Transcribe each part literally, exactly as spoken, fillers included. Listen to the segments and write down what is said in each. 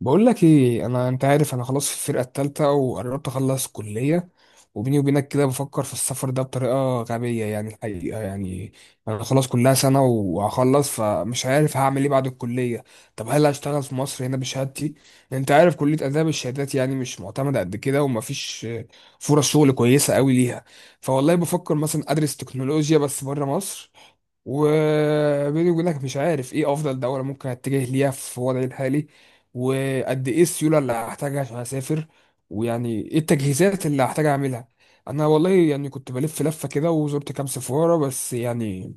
بقول لك ايه، انا انت عارف، انا خلاص في الفرقه الثالثه وقربت اخلص كليه. وبيني وبينك كده بفكر في السفر ده بطريقه غبيه، يعني الحقيقه يعني انا خلاص كلها سنه وهخلص، فمش عارف هعمل ايه بعد الكليه. طب هل هشتغل في مصر هنا بشهادتي؟ انت عارف كليه اداب الشهادات يعني مش معتمده قد كده، ومفيش فرص شغل كويسه قوي ليها. فوالله بفكر مثلا ادرس تكنولوجيا بس بره مصر. وبيني وبينك مش عارف ايه افضل دوله ممكن اتجه ليها في وضعي الحالي، وقد ايه السيوله اللي هحتاجها عشان اسافر، ويعني ايه التجهيزات اللي هحتاج اعملها. انا والله يعني كنت بلف لفه كده وزرت كام سفاره، بس يعني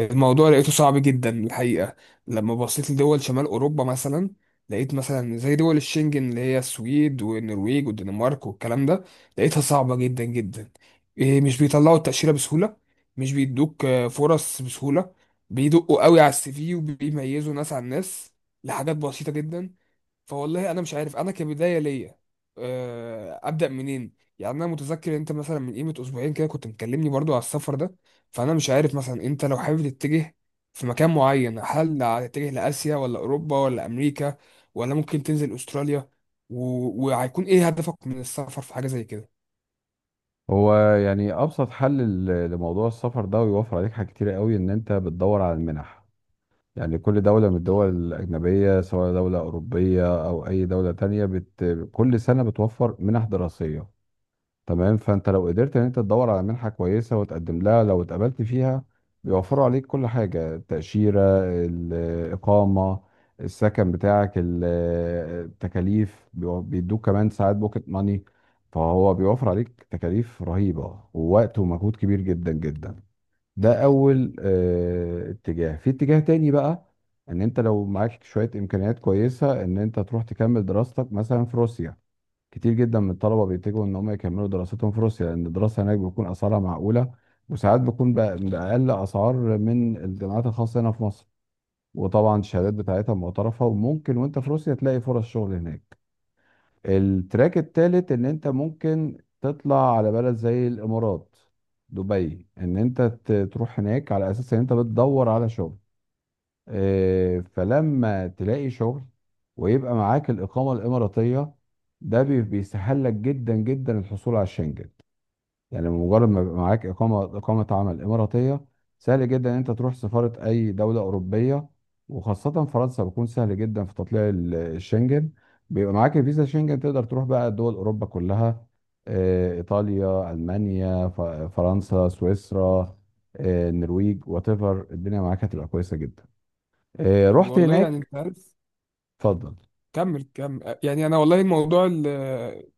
الموضوع لقيته صعب جدا الحقيقه. لما بصيت لدول شمال اوروبا مثلا، لقيت مثلا زي دول الشنجن اللي هي السويد والنرويج والدنمارك والكلام ده، لقيتها صعبه جدا جدا. إيه، مش بيطلعوا التاشيره بسهوله. مش بيدوك آه، فرص بسهوله. بيدقوا قوي على السي في وبيميزوا ناس عن ناس لحاجات بسيطه جدا. فوالله انا مش عارف انا كبدايه ليا آه، ابدا منين. يعني انا متذكر انت مثلا من قيمه اسبوعين كده كنت مكلمني برضو على السفر ده، فانا مش عارف مثلا انت لو حابب تتجه في مكان معين، هل هتتجه لاسيا ولا اوروبا ولا امريكا ولا ممكن تنزل استراليا و... وهيكون ايه هدفك من السفر في حاجه زي كده؟ هو يعني ابسط حل ل- لموضوع السفر ده، ويوفر عليك حاجات كتيره قوي ان انت بتدور على المنح. يعني كل دوله من الدول الاجنبيه، سواء دوله اوروبيه او اي دوله تانية بت... كل سنه بتوفر منح دراسيه. تمام، فانت لو قدرت ان انت تدور على منحه كويسه وتقدم لها، لو اتقبلت فيها بيوفروا عليك كل حاجه: التاشيره، الاقامه، السكن بتاعك، ال- التكاليف، بيو- بيدوك كمان ساعات بوكيت ماني. فهو بيوفر عليك تكاليف رهيبه ووقت ومجهود كبير جدا جدا. ده اول آه، اتجاه. في اتجاه تاني بقى، ان انت لو معاك شويه امكانيات كويسه ان انت تروح تكمل دراستك مثلا في روسيا. كتير جدا من الطلبه بيتجهوا ان هم يكملوا دراستهم في روسيا، لان الدراسه هناك بيكون اسعارها معقوله، وساعات بتكون بأ- باقل اسعار من الجامعات الخاصه هنا في مصر. وطبعا الشهادات بتاعتها معترفه، وممكن وانت في روسيا تلاقي فرص شغل هناك. التراك التالت ان انت ممكن تطلع على بلد زي الامارات، دبي، ان انت ت- تروح هناك على اساس ان انت بتدور على شغل. آه، فلما تلاقي شغل ويبقى معاك الإقامة الإماراتية، ده بي- بيسهل لك جدا جدا الحصول على الشنجن. يعني مجرد ما يبقى معاك إقامة إقامة عمل إماراتية، سهل جدا إن أنت تروح سفارة أي دولة أوروبية، وخاصة فرنسا، بيكون سهل جدا في تطليع ال- الشنجن. بيبقى معاك الفيزا شنجن، تقدر تروح بقى دول أوروبا كلها: آه، إيطاليا، ألمانيا، ف- فرنسا، سويسرا، آه، النرويج، وات ايفر، الدنيا معاك هتبقى كويسة جدا. آه، طب رحت والله يعني هناك. انت عارف. اتفضل. كمل كمل، يعني انا والله الموضوع ال-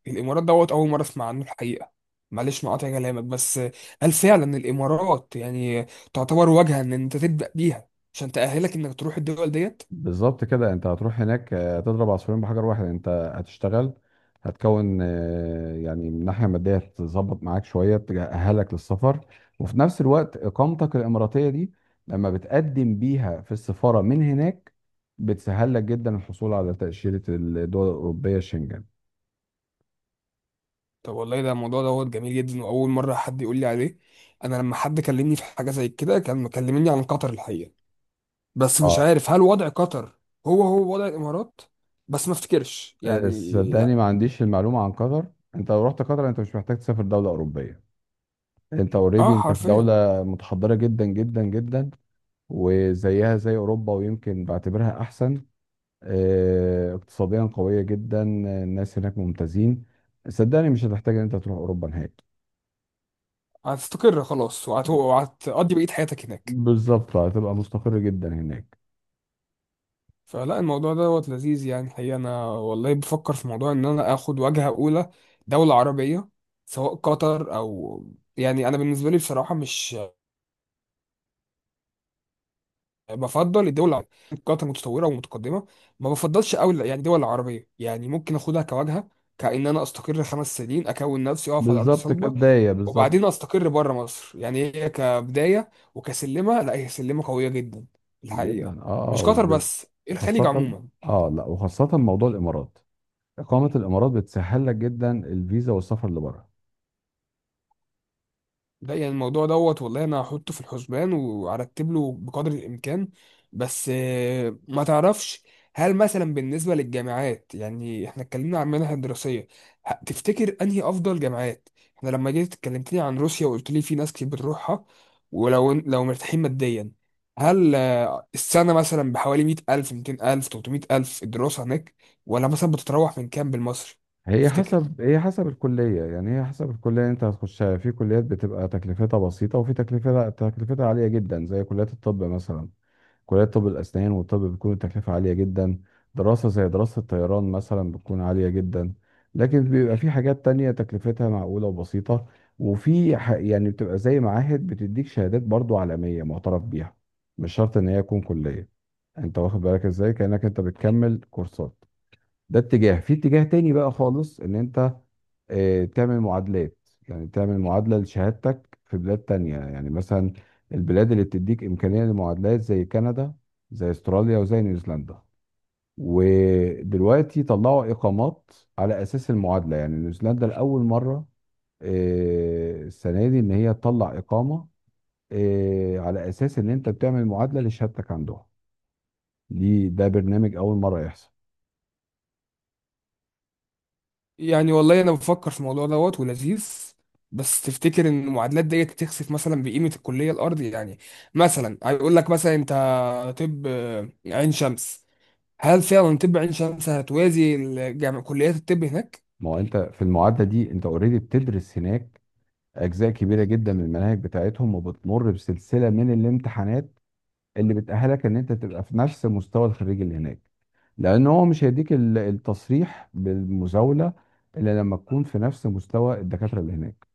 الامارات دوت اول مره اسمع عنه الحقيقه. معلش مقاطع كلامك بس، هل فعلا الامارات يعني تعتبر واجهه ان انت تبدا بيها عشان تاهلك انك تروح الدول ديت؟ بالظبط كده، انت هتروح هناك، آه، هتضرب عصفورين بحجر واحد. انت هتشتغل، هتكون آه، يعني من ناحيه ماديه تظبط معاك شويه تأهلك للسفر، وفي نفس الوقت اقامتك الاماراتيه دي، لما بتقدم بيها في السفاره من هناك، بتسهل لك جدا الحصول على تأشيرة الدول الأوروبية شنجن. طب والله ده الموضوع دوت جميل جدا، واول مره حد يقول لي عليه. انا لما حد كلمني في حاجه زي كده كان مكلمني عن قطر الحقيقه، بس مش اه، عارف هل وضع قطر هو هو وضع الامارات، بس ما افتكرش آه، يعني لا. صدقني ما عنديش المعلومة عن قطر. انت لو رحت قطر انت مش محتاج تسافر دولة أوروبية. انت اوريدي اه انت في حرفيا. دولة متحضرة جدا جدا جدا، وزيها زي اوروبا، ويمكن بعتبرها احسن. آه، اقتصاديا قويه جدا، الناس هناك ممتازين. صدقني مش هتحتاج ان انت تروح اوروبا نهائي. هتستقر خلاص وهت- وهتقضي بقيه حياتك هناك؟ بالظبط، هتبقى مستقر جدا هناك. فلا الموضوع دوت لذيذ يعني. حقيقة أنا والله بفكر في موضوع إن أنا آخد وجهة أولى دولة عربية، سواء قطر أو، يعني أنا بالنسبة لي بصراحة مش بفضل الدول العربية. قطر متطورة ومتقدمة، ما بفضلش أوي يعني دول عربية، يعني ممكن آخدها كوجهة كأن أنا أستقر خمس سنين أكون نفسي أقف على أرض بالظبط، صلبة. كبدايه بالظبط. وبعدين أستقر بره مصر، يعني هي كبداية وكسلمة، لا هي سلمة قوية جدا الحقيقة. جدا، اه، مش قطر والب- بس، الخليج وخاصه. عموما. اه لا، وخاصه موضوع الامارات، اقامه الامارات بتسهل لك جدا الفيزا والسفر لبره. ده يعني الموضوع دوت والله انا هحطه في الحسبان وارتب له بقدر الامكان. بس آه، ما تعرفش هل مثلا بالنسبه للجامعات، يعني احنا اتكلمنا عن منح الدراسيه، ه- تفتكر انهي افضل جامعات؟ احنا لما جيت اتكلمتني عن روسيا وقلت لي في ناس كتير بتروحها، ولو لو مرتاحين ماديا، هل آه، السنه مثلا بحوالي مئة الف مئتين الف ثلاثمية الف الدراسه هناك؟ ولا مثلا بتتراوح من كام بالمصري؟ هي تفتكر. حسب هي حسب الكلية، يعني هي حسب الكلية اللي انت هتخشها. في كليات بتبقى تكلفتها بسيطة، وفي تكلفتها تكلفتها عالية جدا، زي كليات الطب مثلا. كلية طب الأسنان والطب بتكون التكلفة عالية جدا. دراسة زي دراسة الطيران مثلا بتكون عالية جدا. لكن بيبقى في حاجات تانية تكلفتها معقولة وبسيطة. وفي ح- يعني بتبقى زي معاهد بتديك شهادات برضو عالمية معترف بيها، مش شرط ان هي تكون كلية. انت واخد بالك ازاي؟ كأنك انت بتكمل كورسات. ده اتجاه. في اتجاه تاني بقى خالص، ان انت آه، تعمل معادلات. يعني تعمل معادلة لشهادتك في بلاد تانية، يعني مثلا البلاد اللي بتديك إمكانية للمعادلات زي كندا، زي استراليا، وزي نيوزيلندا. ودلوقتي طلعوا إقامات على أساس المعادلة. يعني نيوزيلندا لأول مرة آه، السنة دي إن هي تطلع إقامة آه، على أساس إن أنت بتعمل معادلة لشهادتك عندهم. دي ده برنامج أول مرة يحصل. يعني والله انا بفكر في الموضوع دوت ولذيذ، بس تفتكر ان المعادلات ديت تخسف مثلا بقيمه الكليه الارض؟ يعني مثلا هيقول لك مثلا انت، طب آه، عين شمس، هل فعلا طب عين شمس هتوازي الجامع كليات الطب هناك؟ ما هو أنت في المعادلة دي أنت أوريدي بتدرس هناك اجزاء كبيره جدا من المناهج بتاعتهم، وبتمر بسلسله من الامتحانات اللي بتاهلك ان انت تبقى في نفس مستوى الخريج اللي هناك. لان هو مش هيديك ال- التصريح بالمزاوله الا لما تكون في نفس مستوى الدكاتره اللي هناك.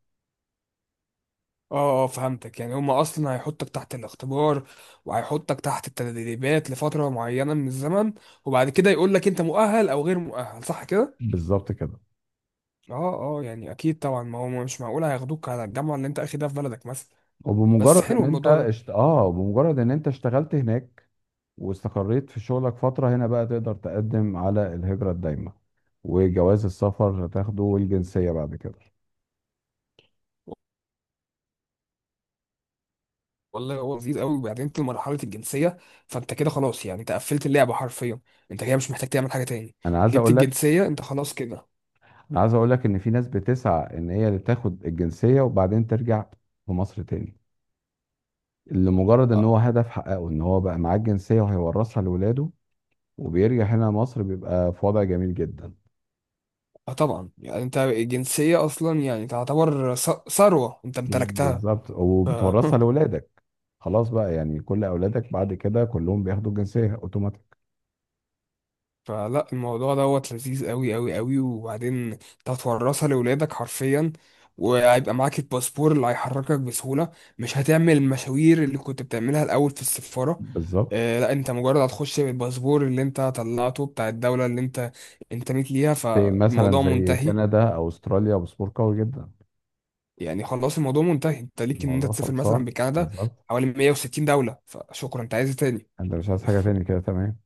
اه آه، فهمتك، يعني هم اصلا هيحطك تحت الاختبار وهيحطك تحت التدريبات لفتره معينه من الزمن، وبعد كده يقول لك انت مؤهل او غير مؤهل صح كده؟ بالظبط كده. اه اه، يعني اكيد طبعا، ما هو مش معقول هياخدوك على الجامعه اللي انت اخدها في بلدك مثلا. بس وبمجرد حلو ان انت الموضوع ده. اشت... اه، بمجرد ان انت اشتغلت هناك واستقريت في شغلك فتره، هنا بقى تقدر تقدم على الهجره الدايمه، وجواز السفر هتاخده، والجنسيه بعد كده. والله هو لذيذ قوي، وبعدين انت لمرحله الجنسيه فانت كده خلاص، يعني انت قفلت اللعبه حرفيا، انت كده مش محتاج تعمل حاجه تاني. انا عايز جبت اقول لك، الجنسيه انت خلاص كده. انا عايز اقول لك ان في ناس بتسعى ان هي اللي تاخد الجنسيه وبعدين ترجع لمصر تاني، لمجرد ان هو اه. هدف حققه، ان هو بقى معاه الجنسيه وهيورثها لاولاده. وبيرجع هنا مصر بيبقى في وضع جميل جدا. آه طبعا، يعني انت الجنسيه اصلا يعني تعتبر ث- ثروه انت امتلكتها. بالظبط، ف- وبتورثها لاولادك. خلاص بقى، يعني كل اولادك بعد كده كلهم بياخدوا الجنسيه اوتوماتيك. فلا الموضوع دوت لذيذ قوي قوي قوي، وبعدين انت هتورثها لاولادك حرفيا، وهيبقى معاك الباسبور اللي هيحركك بسهولة، مش هتعمل المشاوير اللي كنت بتعملها الأول في السفارة. بالظبط. آه لا، انت مجرد هتخش بالباسبور اللي انت طلعته بتاع الدولة اللي انت انتميت ليها، زي مثلا فالموضوع زي منتهي. كندا او استراليا، باسبور قوي جدا. يعني خلاص الموضوع منتهي، انت ليك ان انت الموضوع تسافر مثلا خلصان بكندا بالظبط. حوالي مية وستين دولة، فشكرا انت عايز إيه تاني؟ انت مش عايز حاجه تاني كده، تمام؟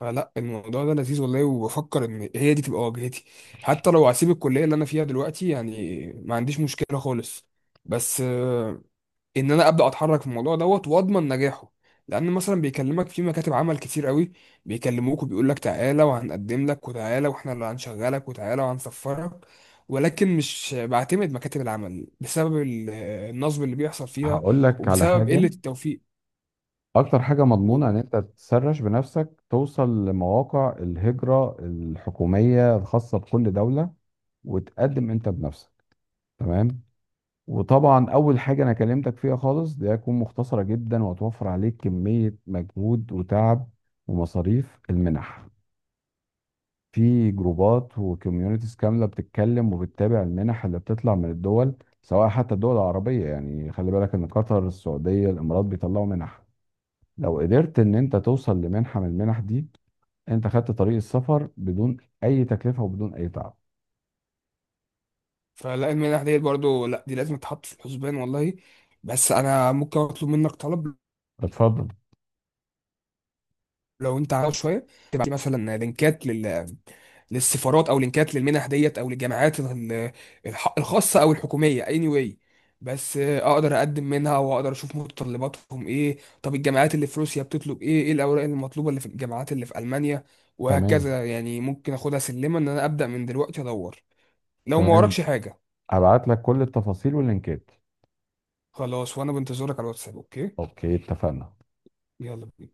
فلا الموضوع ده لذيذ والله، وبفكر ان هي دي تبقى واجهتي حتى لو هسيب الكليه اللي انا فيها دلوقتي، يعني ما عنديش مشكله خالص. بس آه، ان انا ابدا اتحرك في الموضوع دوت واضمن نجاحه، لان مثلا بيكلمك في مكاتب عمل كتير قوي، بيكلموك وبيقول لك تعالى وهنقدم لك وتعالى واحنا اللي هنشغلك وتعالى وهنسفرك، ولكن مش بعتمد مكاتب العمل بسبب ال- آه، النصب اللي بيحصل فيها هقول لك على وبسبب حاجه. قله التوفيق. اكتر حاجة مضمونة ان انت تسرش بنفسك، توصل لمواقع الهجرة الحكومية الخاصة بكل دولة، وتقدم انت بنفسك. تمام. وطبعا اول حاجة انا كلمتك فيها خالص، دي هتكون مختصرة جدا، وهتوفر عليك كمية مجهود وتعب ومصاريف: المنح. في جروبات وكوميونيتيز كاملة بتتكلم وبتتابع المنح اللي بتطلع من الدول، سواء حتى الدول العربية. يعني خلي بالك ان قطر، السعودية، الامارات بيطلعوا منح. لو قدرت ان انت توصل لمنحة من المنح دي، انت خدت طريق السفر بدون اي تكلفة وبدون اي تعب. فلا المنح ديت برضو، لا دي لازم تتحط في الحسبان والله. بس انا ممكن اطلب منك طلب، اتفضل. لو انت عاوز شويه تبعت لي مثلا لينكات لل... للسفارات او لينكات للمنح ديت او للجامعات ال- الح... الخاصه او الحكوميه anyway. بس آه، اقدر اقدم منها واقدر اشوف متطلباتهم ايه؟ طب الجامعات اللي في روسيا بتطلب ايه؟ ايه الاوراق المطلوبه اللي في الجامعات اللي في المانيا؟ تمام، وهكذا، يعني ممكن اخدها سلمه ان انا ابدا من دلوقتي ادور لو ما تمام، وراكش حاجه. ابعت لك كل التفاصيل واللينكات. خلاص، وانا بنتظرك على الواتساب اوكي. اوكي، اتفقنا. يلا بينا.